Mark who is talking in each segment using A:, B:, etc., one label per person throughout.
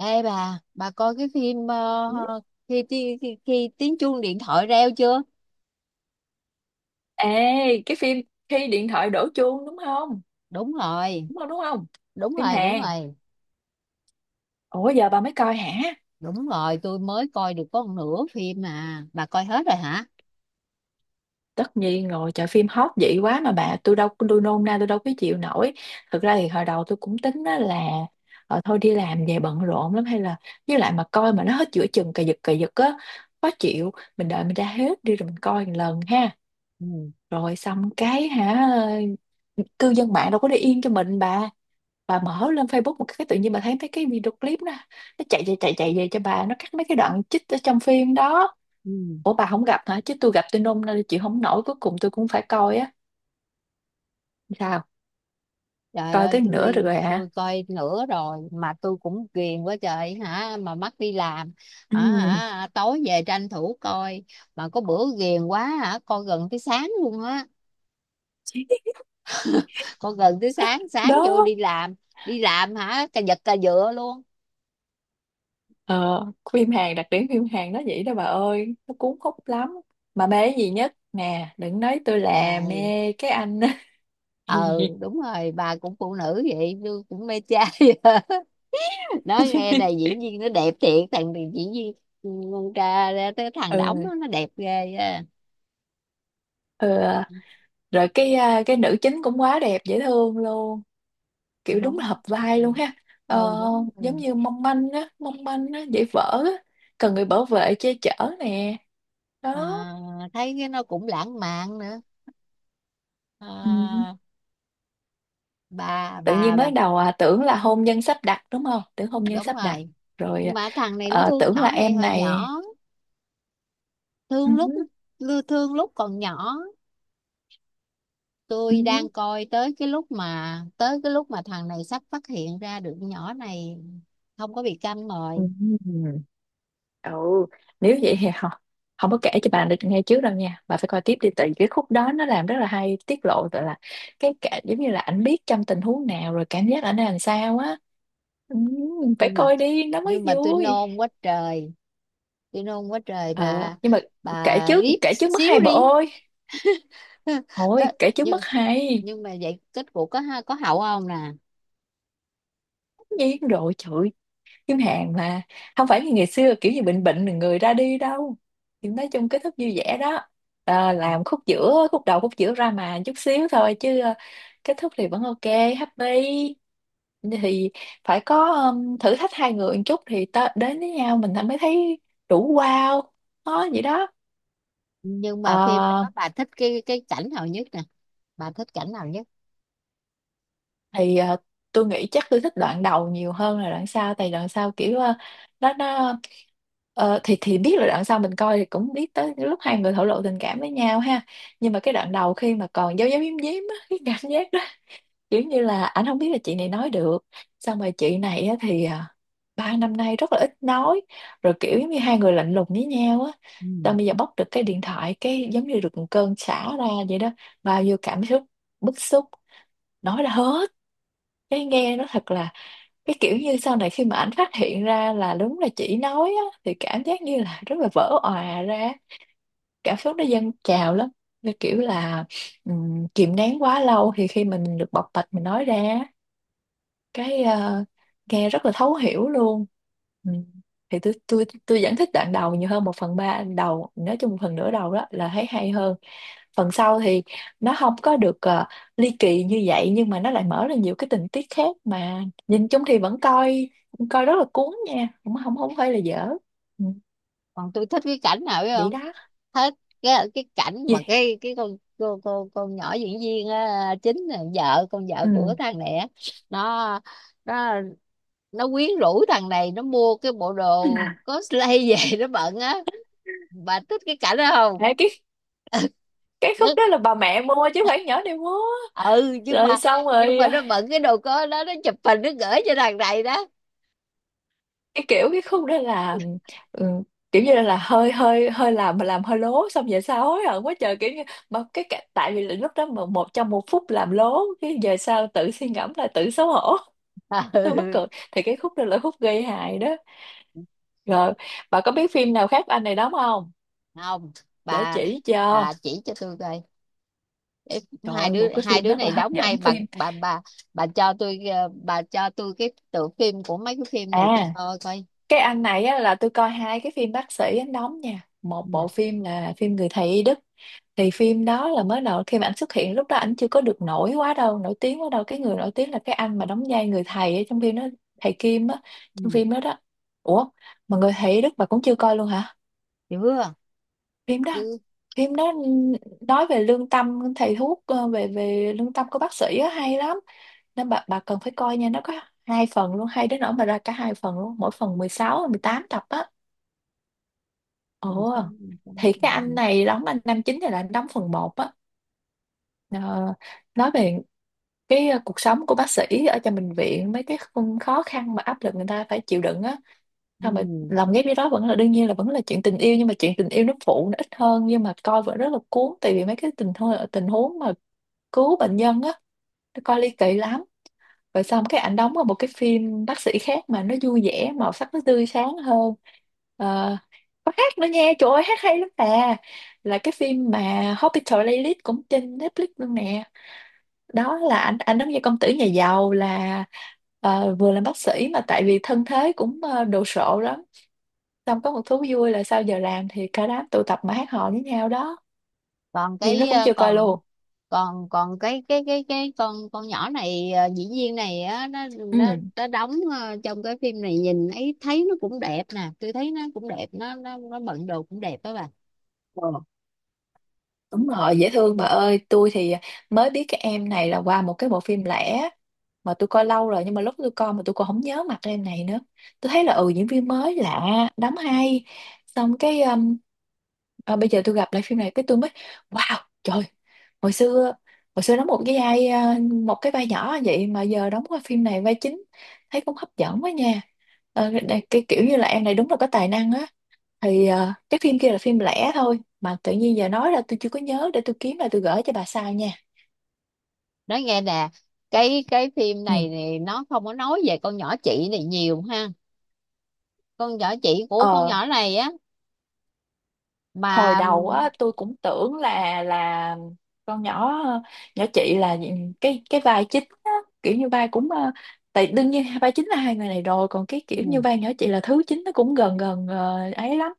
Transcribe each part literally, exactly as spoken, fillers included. A: Ê bà, bà coi cái phim ờ,
B: Ừ.
A: khi, ti- khi, khi tiếng chuông điện thoại reo chưa?
B: Ê, cái phim khi điện thoại đổ chuông đúng không?
A: Đúng rồi,
B: Đúng không, đúng không?
A: đúng
B: Phim
A: rồi, đúng
B: Hàn.
A: rồi,
B: Ủa giờ bà mới coi hả?
A: đúng rồi, tôi mới coi được có một nửa phim mà. Bà coi hết rồi hả?
B: Tất nhiên rồi, trời phim hot vậy quá mà bà, tôi đâu tôi nôn na tôi đâu có chịu nổi. Thực ra thì hồi đầu tôi cũng tính á là ờ, thôi đi làm về bận rộn lắm, hay là với lại mà coi mà nó hết giữa chừng cà giật cà giật á khó chịu, mình đợi mình ra hết đi rồi mình coi một lần ha.
A: Ừ.
B: Rồi xong cái hả, cư dân mạng đâu có để yên cho mình, bà bà mở lên Facebook một cái tự nhiên bà thấy mấy cái video clip đó, nó chạy chạy chạy chạy về cho bà, nó cắt mấy cái đoạn chích ở trong phim đó.
A: Ừ.
B: Ủa bà không gặp hả? Chứ tôi gặp, tôi nôn nên chịu không nổi, cuối cùng tôi cũng phải coi á. Sao
A: Trời
B: coi
A: ơi,
B: tới nửa được
A: tôi
B: rồi hả?
A: tôi coi nửa rồi mà tôi cũng ghiền quá trời hả, mà mắc đi làm. À,
B: Ừ.
A: hả, tối về tranh thủ coi mà có bữa ghiền quá hả, coi gần tới sáng luôn á. Coi gần tới sáng, sáng vô
B: Đó,
A: đi làm, đi làm hả, cà giật cà dựa luôn.
B: ờ, phim Hàn, đặc điểm phim Hàn nó vậy đó bà ơi, nó cuốn hút lắm. Mà mê cái gì nhất nè, đừng nói tôi là
A: Trời,
B: mê cái anh.
A: ừ, đúng rồi, bà cũng phụ nữ vậy tôi cũng mê trai. Nói nghe này, diễn viên nó đẹp thiệt, thằng diễn viên con tra ra tới thằng đóng
B: Ừ.
A: đó, nó đẹp ghê á.
B: Ừ, rồi cái à, cái nữ chính cũng quá đẹp, dễ thương luôn, kiểu đúng là
A: Đúng,
B: hợp vai luôn ha.
A: ừ,
B: ờ,
A: đúng
B: Giống
A: rồi.
B: như mong manh á, mong manh á, dễ vỡ á, cần người bảo vệ che chở, nè, đó.
A: À, thấy cái nó cũng lãng mạn nữa.
B: Ừ.
A: À, bà
B: Tự
A: bà
B: nhiên
A: bà
B: mới đầu à, tưởng là hôn nhân sắp đặt đúng không, tưởng hôn nhân
A: đúng
B: sắp đặt,
A: rồi,
B: rồi à,
A: mà thằng này nó
B: ờ,
A: thương
B: tưởng là
A: nhỏ này
B: em
A: hồi nhỏ,
B: này. Ừ.
A: thương lúc thương lúc còn nhỏ.
B: Ừ.
A: Tôi đang coi tới cái lúc mà tới cái lúc mà thằng này sắp phát hiện ra được nhỏ này không có bị câm
B: Ừ.
A: rồi.
B: Ừ. Nếu vậy thì không, không có kể cho bà được nghe trước đâu nha, bà phải coi tiếp đi, tại vì cái khúc đó nó làm rất là hay, tiết lộ gọi là, cái cả giống như là ảnh biết trong tình huống nào rồi cảm giác ảnh làm sao á. Ừ, phải
A: Nhưng mà,
B: coi đi nó mới
A: nhưng mà tôi
B: vui.
A: nôn quá trời, tôi nôn quá trời
B: ờ
A: bà
B: nhưng mà kể
A: bà
B: trước,
A: riết
B: kể trước mất
A: xíu
B: hay bà
A: đi.
B: ơi.
A: Có-
B: Thôi kể trước mất
A: nhưng
B: hay.
A: nhưng mà vậy kết cục có ha- có hậu không nè?
B: Tất nhiên rồi trời, kiếm hàng mà. Không phải như ngày xưa kiểu như bệnh bệnh rồi người ra đi đâu, thì nói chung kết thúc vui vẻ đó. À, làm khúc giữa, khúc đầu khúc giữa ra mà chút xíu thôi chứ ờ, kết thúc thì vẫn ok, happy. Thì phải có um, thử thách hai người một chút thì ta đến với nhau mình mới thấy đủ, wow. Đó vậy đó.
A: Nhưng mà phim
B: Ờ,
A: đó bà thích cái cái cảnh nào nhất nè, bà thích cảnh nào nhất?
B: thì à, tôi nghĩ chắc tôi thích đoạn đầu nhiều hơn là đoạn sau, tại đoạn sau kiểu à, nó nó ờ, thì thì biết là đoạn sau mình coi thì cũng biết tới lúc hai người thổ lộ tình cảm với nhau ha. Nhưng mà cái đoạn đầu khi mà còn giấu giấu giếm giếm á, cái cảm giác đó, kiểu như là ảnh không biết là chị này nói được. Xong rồi chị này á thì à, ba năm nay rất là ít nói, rồi kiểu giống như hai người lạnh lùng với nhau á.
A: Ừ.
B: Xong bây giờ bóc được cái điện thoại cái giống như được một cơn xả ra vậy đó, bao nhiêu cảm xúc, bức xúc, nói ra hết, cái nghe nó thật là, cái kiểu như sau này khi mà ảnh phát hiện ra là đúng là chỉ nói á, thì cảm giác như là rất là vỡ òa ra, cảm xúc nó dâng trào lắm. Như kiểu là ừm, kìm nén quá lâu thì khi mà mình được bộc bạch mình nói ra, cái ờ, nghe rất là thấu hiểu luôn. Ừ. Thì tôi tôi tôi vẫn thích đoạn đầu nhiều hơn, một phần ba đầu, nói chung một phần nửa đầu đó là thấy hay hơn. Phần sau thì nó không có được ờ, ly kỳ như vậy, nhưng mà nó lại mở ra nhiều cái tình tiết khác mà, nhìn chung thì vẫn coi, coi rất là cuốn nha, không không không phải là dở. Ừ.
A: Còn tôi thích cái cảnh nào biết
B: Vậy
A: không?
B: đó.
A: Thích cái cái cảnh mà
B: Gì.
A: cái cái con cô cô con nhỏ diễn viên á, chính là vợ con vợ của
B: Ừ.
A: thằng này á, nó nó nó quyến rũ thằng này, nó mua cái bộ đồ cosplay về nó bận á. Bà thích cái cảnh đó không?
B: Ê, cái cái khúc
A: Nó-
B: đó là bà mẹ mua chứ không phải nhỏ này mua.
A: ừ, nhưng
B: Rồi
A: mà
B: xong
A: nhưng
B: rồi,
A: mà nó bận cái đồ có đó nó chụp hình nó gửi cho thằng này đó.
B: cái kiểu, cái khúc đó là ừ, kiểu như là hơi hơi hơi làm mà làm hơi lố, xong về sau hối hận quá trời, kiểu như, mà cái cả- tại vì lúc đó mà một trong một phút làm lố cái về sau tự suy ngẫm là tự xấu hổ. Tôi mắc
A: Ừ.
B: cười. Thì cái khúc đó là khúc gây hại đó. Rồi, bà có biết phim nào khác anh này đóng không,
A: Không,
B: để
A: bà
B: chỉ cho.
A: bà chỉ cho tôi coi,
B: Trời
A: hai
B: ơi,
A: đứa
B: một cái
A: hai
B: phim
A: đứa
B: rất là
A: này
B: hấp
A: đóng hay
B: dẫn
A: bà.
B: phim,
A: Bà bà bà, cho tôi ờ, bà cho tôi cái tựa phim của mấy cái phim này tôi
B: à
A: coi coi.
B: cái anh này á, là tôi coi hai cái phim bác sĩ anh đóng nha. Một
A: Ừ.
B: bộ phim là phim Người Thầy Y Đức. Thì phim đó là mới đầu khi mà anh xuất hiện, lúc đó anh chưa có được nổi quá đâu, nổi tiếng quá đâu, cái người nổi tiếng là cái anh mà đóng vai người thầy ở trong phim đó, thầy Kim á. Trong
A: Ừ.
B: phim đó đó. Ủa, mà Người Thầy Đức bà cũng chưa coi luôn hả, phim đó
A: Chưa chứ.
B: Phim đó nói về lương tâm thầy thuốc, ờ, về về lương tâm của bác sĩ á, hay lắm, nên bà bà cần phải coi nha. Nó có hai phần luôn, hay đến nỗi mà ra cả hai phần luôn, mỗi phần mười sáu mười tám tập á. Ồ. Thì cái anh này đóng, anh Nam chính này là anh đóng phần một á. Ờ, nói về cái ờ, cuộc sống của bác sĩ ở trong bệnh viện, mấy cái khung khó khăn mà áp lực người ta phải chịu đựng á, sao mà
A: Ừ.
B: lòng ghép với đó vẫn là, đương nhiên là vẫn là chuyện tình yêu, nhưng mà chuyện tình yêu nó phụ, nó ít hơn, nhưng mà coi vẫn rất là cuốn, tại vì mấy cái tình huống, tình huống mà cứu bệnh nhân á, nó coi ly kỳ lắm. Rồi xong cái ảnh đóng vào một cái phim bác sĩ khác mà nó vui vẻ, màu sắc nó tươi sáng hơn. Ờ, có hát nữa nha, trời ơi hát hay lắm nè, là cái phim mà Hospital Playlist cũng trên Netflix luôn nè. Đó là anh anh giống như công tử nhà giàu, là ờ, vừa làm bác sĩ mà tại vì thân thế cũng ờ, đồ sộ lắm. Xong có một thú vui là sau giờ làm thì cả đám tụ tập mà hát hò với nhau đó.
A: còn
B: Phim nó
A: cái
B: cũng
A: ờ,
B: chưa coi
A: còn
B: luôn.
A: còn còn cái cái cái cái con con nhỏ này, ờ, diễn viên này á, nó nó
B: Ừ.
A: nó đóng ờ, trong cái phim này nhìn ấy thấy nó cũng đẹp nè, tôi thấy nó cũng đẹp, nó nó nó bận đồ cũng đẹp đó bà.
B: Ờ, đúng rồi, dễ thương bà ơi. Tôi thì mới biết cái em này là qua một cái bộ phim lẻ mà tôi coi lâu rồi, nhưng mà lúc tôi coi mà tôi còn không nhớ mặt em này nữa, tôi thấy là, ừ, diễn viên mới lạ, đóng hay. Xong cái à, bây giờ tôi gặp lại phim này cái tôi mới, wow, trời, hồi xưa, hồi xưa đóng một cái vai à, một cái vai nhỏ vậy mà giờ đóng qua phim này vai chính, thấy cũng hấp dẫn quá nha. Ờ, đây- cái kiểu như là em này đúng là có tài năng á. Thì ờ, cái phim kia là phim lẻ thôi, mà tự nhiên giờ nói ra tôi chưa có nhớ, để tôi kiếm lại tôi gửi cho bà sau nha.
A: Nói nghe nè, cái cái phim
B: Ừ.
A: này thì nó không có nói về con nhỏ chị này nhiều ha, con nhỏ chị của con
B: ờ
A: nhỏ này á,
B: Hồi
A: mà
B: đầu á, tôi cũng tưởng là là con nhỏ nhỏ chị là cái cái vai chính á, kiểu như vai cũng ờ, tại đương nhiên vai chính là hai người này rồi, còn cái kiểu như
A: ừ,
B: vai nhỏ chị là thứ chính, nó cũng gần gần ờ, ấy lắm.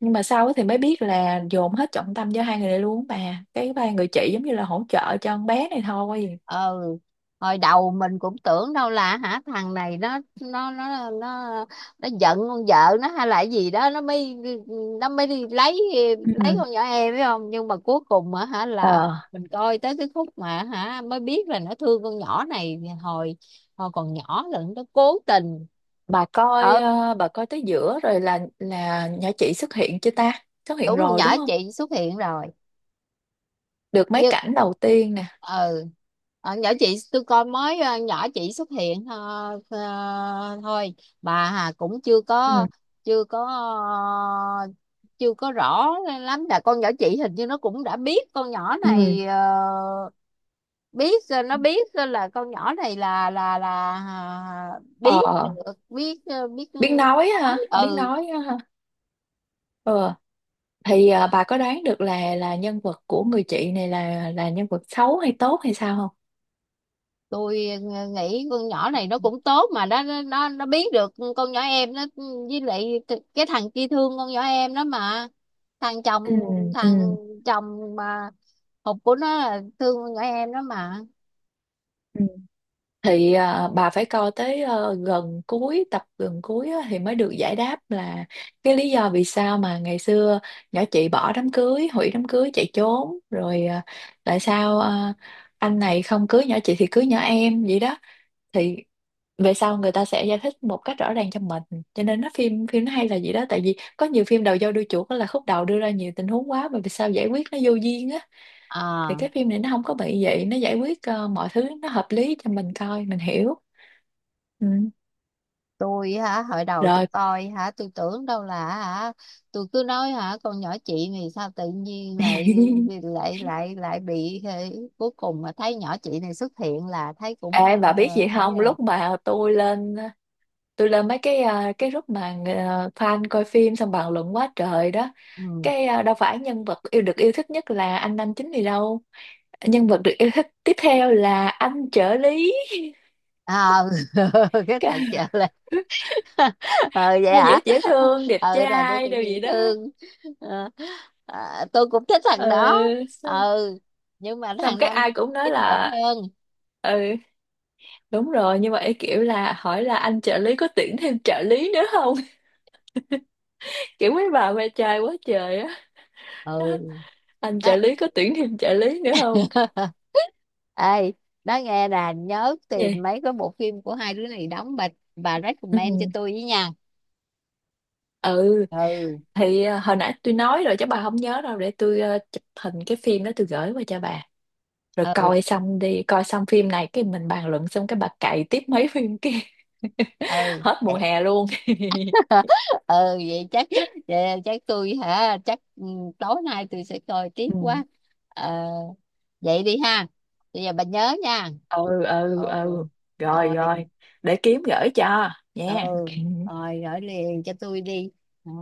B: Nhưng mà sau á thì mới biết là dồn hết trọng tâm cho hai người này luôn á, bà, cái vai người chị giống như là hỗ trợ cho con bé này thôi.
A: ờ, hồi đầu mình cũng tưởng đâu là hả thằng này nó nó nó nó nó giận con vợ nó hay là cái gì đó nó mới nó mới đi lấy lấy
B: Ừ.
A: con nhỏ em phải không, nhưng mà cuối cùng á hả là
B: ờ
A: mình coi tới cái khúc mà hả mới biết là nó thương con nhỏ này hồi hồi còn nhỏ, là nó cố tình.
B: bà coi,
A: Ờ,
B: ờ, bà coi tới giữa rồi là là nhỏ chị xuất hiện chưa ta? Xuất hiện
A: đúng, con
B: rồi
A: nhỏ
B: đúng không?
A: chị xuất hiện rồi.
B: Được mấy
A: Như,
B: cảnh đầu tiên nè.
A: ừ. Ờ, nhỏ chị tôi coi mới ờ, nhỏ chị xuất hiện, ờ, ờ, thôi, bà Hà cũng chưa
B: Ừ.
A: có chưa có ờ, chưa có rõ lắm là con nhỏ chị hình như nó cũng đã biết con nhỏ
B: Ừ.
A: này, ờ, biết, ờ, nó biết, ờ, là con nhỏ này là là là à, biết
B: Ờ,
A: được biết ờ, biết
B: biết nói
A: nói.
B: ha, biết
A: Ừ,
B: nói ha. Ờ, thì à, bà có đoán được là là nhân vật của người chị này là là nhân vật xấu hay tốt hay sao không?
A: tôi ờ, nghĩ con nhỏ này nó cũng tốt mà nó nó nó nó biết được con nhỏ em nó, với lại th- cái thằng kia thương con nhỏ em đó mà, thằng chồng
B: Ừ, ừ,
A: thằng chồng mà hụt của nó là thương con nhỏ em đó mà.
B: ừ. Thì à, bà phải coi tới ờ, gần cuối tập, gần cuối á, thì mới được giải đáp là cái lý do vì sao mà ngày xưa nhỏ chị bỏ đám cưới, hủy đám cưới chạy trốn, rồi à, tại sao à, anh này không cưới nhỏ chị thì cưới nhỏ em vậy đó. Thì về sau người ta sẽ giải thích một cách rõ ràng cho mình, cho nên nó phim phim nó hay là gì đó, tại vì có nhiều phim đầu dâu đuôi chuột á là khúc đầu đưa ra nhiều tình huống quá mà vì sao giải quyết nó vô duyên á. Thì
A: À,
B: cái phim này nó không có bị vậy, nó giải quyết ờ, mọi thứ nó hợp lý cho mình coi mình hiểu. Ừ.
A: tôi hả, hồi đầu tôi
B: Rồi.
A: coi hả, tôi tưởng đâu là hả, tôi cứ nói hả, con nhỏ chị này sao tự nhiên lại lại lại lại bị thế. Cuối cùng mà thấy nhỏ chị này xuất hiện là thấy cũng
B: Ê,
A: ờ,
B: bà biết gì
A: ấy
B: không,
A: rồi.
B: lúc mà tôi lên tôi lên mấy cái ờ, cái group mà ờ, fan coi phim xong bàn luận quá trời đó,
A: Ừ.
B: cái ờ, đâu phải nhân vật yêu được yêu thích nhất là anh nam chính gì đâu, nhân vật được yêu thích tiếp theo là anh trợ lý.
A: Ờ. Cái thằng
B: Cái-
A: chợ là. Ừ, vậy
B: Ai
A: hả,
B: dễ dễ thương, đẹp
A: ờ, thằng đó
B: trai đồ
A: cũng dễ
B: gì đó.
A: thương. Ờ, à, tôi cũng thích thằng đó.
B: Ừ. x-
A: Ừ, nhưng mà
B: Xong
A: thằng
B: cái
A: nam
B: ai cũng nói
A: chính đẹp
B: là,
A: hơn.
B: ừ, đúng rồi, nhưng mà ấy kiểu là hỏi là anh trợ lý có tuyển thêm trợ lý nữa không. Kiểu mấy bà ve chai quá trời á.
A: Ừ.
B: Anh trợ
A: Đó.
B: lý có tuyển thêm trợ lý nữa không.
A: Ê, nói nghe nè, nhớ tìm
B: Vậy.
A: mấy cái bộ phim của hai đứa này đóng bà bà
B: Ừ.
A: recommend cho tôi với nha.
B: Ừ.
A: Ừ,
B: Thì ờ, hồi nãy tôi nói rồi chứ bà không nhớ đâu, để tôi ờ, chụp hình cái phim đó tôi gửi qua cho bà, rồi
A: ừ,
B: coi xong đi, coi xong phim này cái mình bàn luận, xong cái bà cày tiếp mấy phim kia.
A: ừ.
B: Hết mùa hè luôn.
A: Ừ, vậy chắc, vậy chắc tôi hả, chắc ừ, tối nay tôi sẽ coi tiếp
B: Ừ
A: quá. Ờ, vậy đi ha, bây giờ bà nhớ nha.
B: ừ
A: Ừ.
B: ừ. Ừ. Rồi
A: Rồi.
B: rồi, để kiếm gửi cho,
A: Ừ.
B: nha.
A: Rồi gửi liền cho tôi đi. Ờ.